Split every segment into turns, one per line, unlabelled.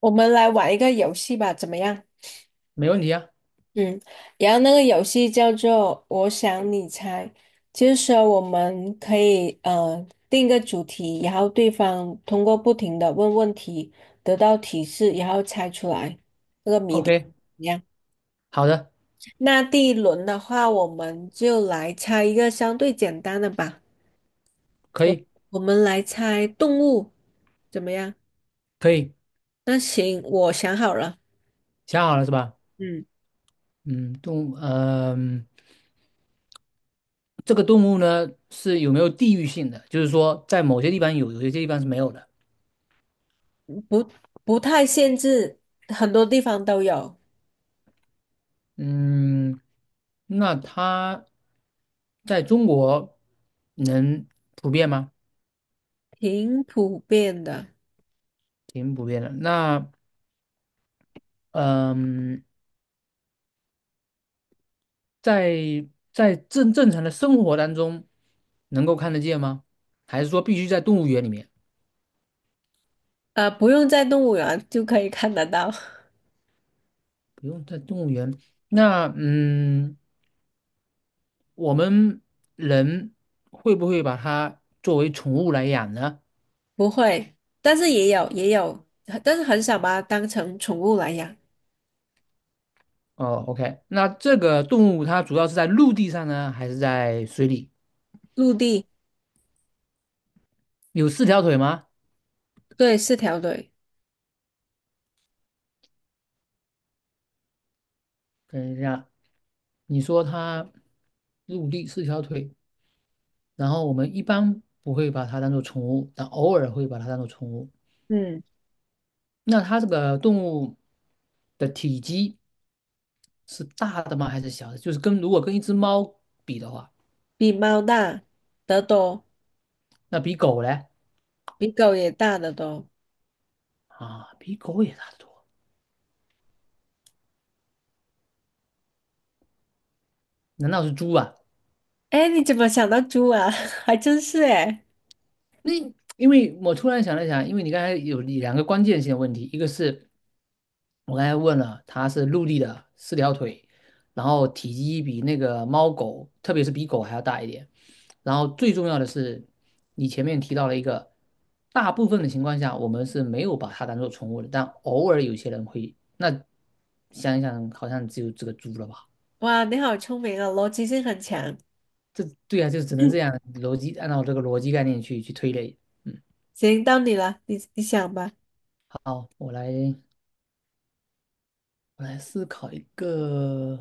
我们来玩一个游戏吧，怎么样？
没问题啊。
嗯，然后那个游戏叫做“我想你猜”，就是说我们可以定一个主题，然后对方通过不停的问问题，得到提示，然后猜出来那个谜底。怎
OK，
么样？
好的，
那第一轮的话，我们就来猜一个相对简单的吧。
可
我
以，
我们来猜动物，怎么样？
可以，
那行，我想好了。
想好了是吧？
嗯。
嗯，动物，这个动物呢是有没有地域性的？就是说，在某些地方有，有些地方是没有的。
不不太限制，很多地方都有，
嗯，那它在中国能普遍吗？
挺普遍的。
挺普遍的。那，嗯、在在正正常的生活当中能够看得见吗？还是说必须在动物园里面？
不用在动物园就可以看得到，
不用在动物园。那嗯，我们人会不会把它作为宠物来养呢？
不会，但是也有，但是很少把它当成宠物来养。
哦，OK，那这个动物它主要是在陆地上呢，还是在水里？
陆地，
有四条腿吗？
对，四条腿，
等一下，你说它陆地四条腿，然后我们一般不会把它当做宠物，但偶尔会把它当做宠物。
嗯，
那它这个动物的体积是大的吗？还是小的？就是跟如果跟一只猫比的话，
比猫大得多，
那比狗嘞
比狗也大得多。
啊，比狗也大得多。难道是猪啊？
哎，你怎么想到猪啊？还真是哎，
那因为我突然想了想，因为你刚才有两个关键性的问题，一个是我刚才问了，它是陆地的四条腿，然后体积比那个猫狗，特别是比狗还要大一点。然后最重要的是，你前面提到了一个，大部分的情况下我们是没有把它当做宠物的，但偶尔有些人会。那想一想，好像只有这个猪了吧？
哇，你好聪明啊，逻辑性很强。
这对啊，就只能这 样逻辑，按照这个逻辑概念去推类。嗯，
行，到你了，你想吧，
好，我来。我来思考一个，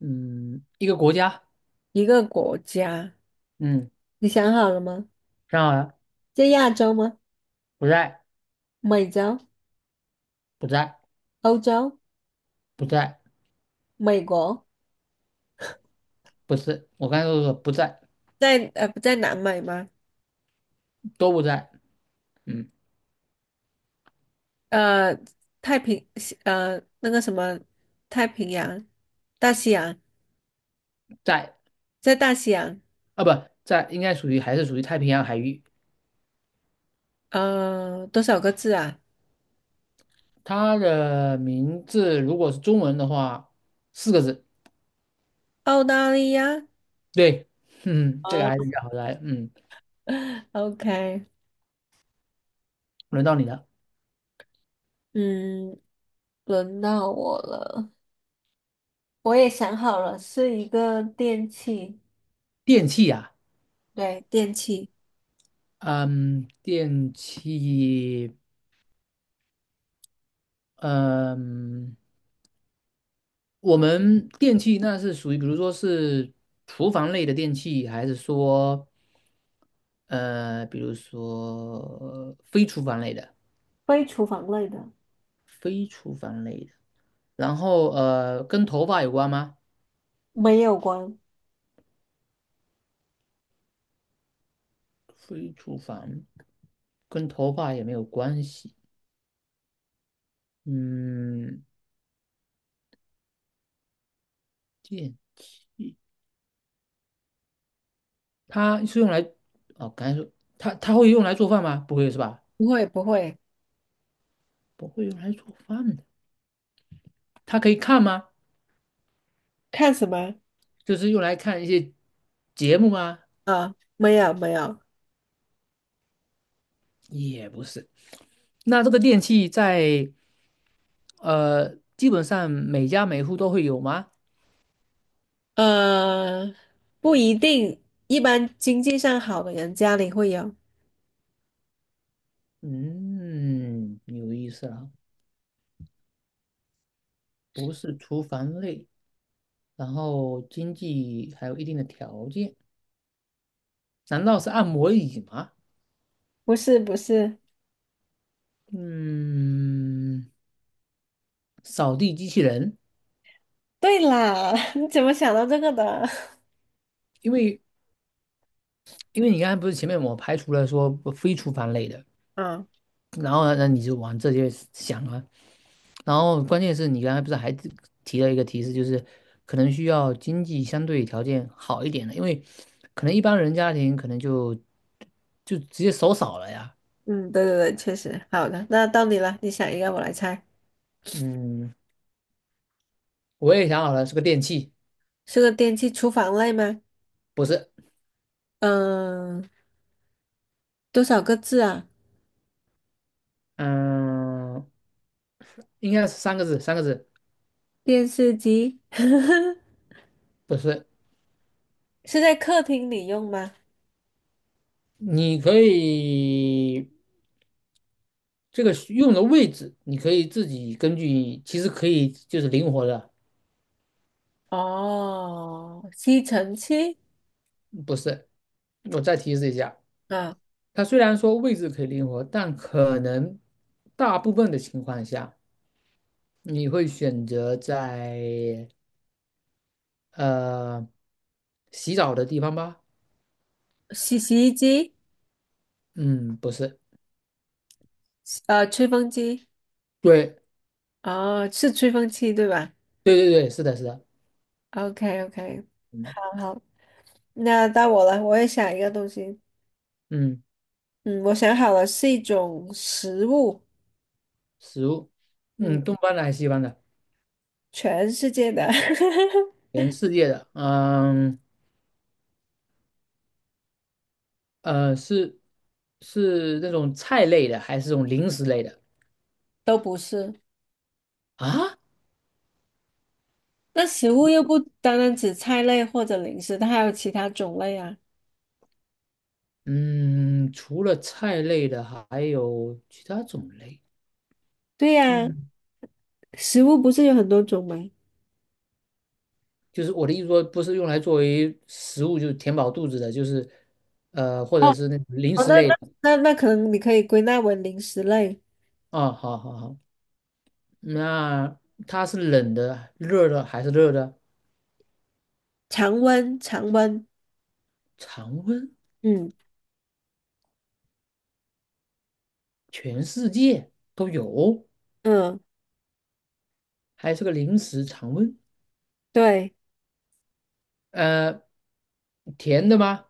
嗯，一个国家，
一个国家，
嗯，
你想好了吗？
想好了，
在亚洲吗？
不在，
美洲、
不在，
欧洲、
不在，
美国，
不是，我刚才都说不在，
在不在南美吗？
都不在，嗯，
呃，太平西那个什么太平洋、大西洋，
在
在大西洋，
啊，不在，应该属于还是属于太平洋海域。
多少个字啊？
它的名字如果是中文的话，四个字，
澳大利亚。
对，嗯，这个
哦
还是比较好来，嗯，
，OK，
轮到你了，
嗯，轮到我了，我也想好了，是一个电器，
电器呀、
对，电器。
啊，嗯，电器，嗯。我们电器那是属于，比如说是厨房类的电器，还是说比如说非厨房类的？
非厨房类的，
非厨房类的，然后跟头发有关吗？
没有关，
非厨房跟头发也没有关系。嗯，电，它是用来哦，刚才说它会用来做饭吗？不会是吧？
不会不会，
不会用来做饭的。它可以看吗？
看什么？
就是用来看一些节目吗？
啊，没有没有，
也不是。那这个电器在基本上每家每户都会有吗？
呃，不一定，一般经济上好的人家里会有。
嗯，有意思了，不是厨房类，然后经济还有一定的条件，难道是按摩椅吗？
不是不是，
嗯，扫地机器人，
对啦，你怎么想到这个的？
因为因为你刚才不是前面我排除了说不非厨房类的，
啊，
然后呢，那你就往这些想啊。然后关键是你刚才不是还提了一个提示，就是可能需要经济相对条件好一点的，因为可能一般人家庭可能就直接手少了呀。
嗯，对对对，确实。好的，那到你了，你想一个，我来猜，
嗯，我也想好了，是个电器，
是个电器，厨房类吗？
不是，
嗯，多少个字啊？
嗯，应该是三个字，三个字，
电视机
不是。
是在客厅里用吗？
你可以这个需用的位置，你可以自己根据，其实可以就是灵活的，
哦，吸尘器
不是。我再提示一下，
啊，
它虽然说位置可以灵活，但可能大部分的情况下，你会选择在呃洗澡的地方吧？
洗衣机，
嗯，不是，
吹风机。
对
哦，是吹风机对吧
对对对，是的，是的，
？OK OK，
嗯
好好，那到我了，我也想一个东西。
嗯，
嗯，我想好了，是一种食物。
食物，
嗯，
嗯，东方的还是西方的？
全世界的
全世界的，呃，是是那种菜类的，还是这种零食类的
都不是。
啊？
那食物又不单单指菜类或者零食，它还有其他种类啊。
嗯，除了菜类的，还有其他种类。
对呀，
嗯。
食物不是有很多种吗？
就是我的意思说，不是用来作为食物，就是填饱肚子的，就是或
哦，
者是那种零
哦
食
那那
类的
那那可能你可以归纳为零食类，
啊。好好好，那它是冷的、热的还是热的？
常温常温。
常温，
嗯
全世界都有，
嗯，
还是个零食常温。
对。
呃，甜的吗？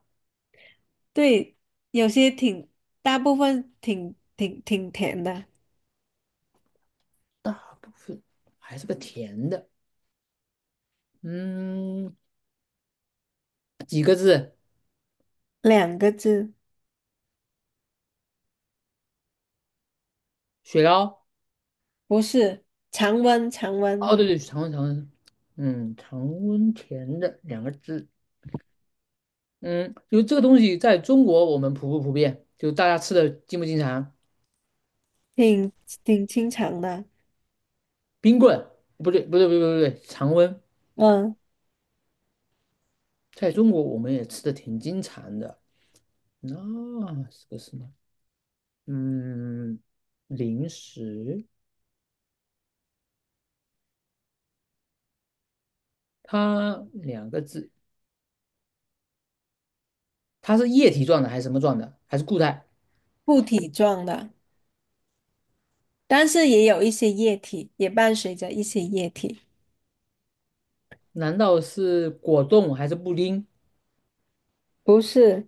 对，有些挺，大部分挺甜的，
大部分还是个甜的。嗯，是
两个字，
雪糕。
不是，常温常温，
哦，对对，常温常温，嗯，常温甜的两个字。嗯，就这个东西在中国我们普不普遍？就大家吃的经不经常？
挺挺清长的，
冰棍不对，不对，不对，不对，常温，
嗯，
在中国我们也吃的挺经常的。那是个什么？嗯，零食，它两个字，它是液体状的还是什么状的？还是固态？
固体状的，但是也有一些液体，也伴随着一些液体。
难道是果冻还是布丁？
不是，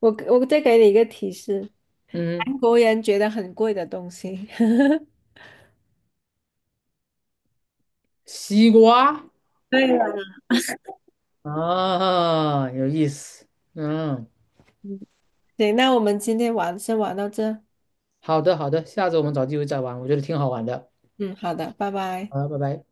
我再给你一个提示，
嗯，
韩国人觉得很贵的东西。
西瓜
对了，
啊，有意思。嗯，
嗯，对，那我们今天先玩到这，
好的，好的，下次我们找机会再玩，我觉得挺好玩的。
嗯，好的，拜拜。
好，拜拜。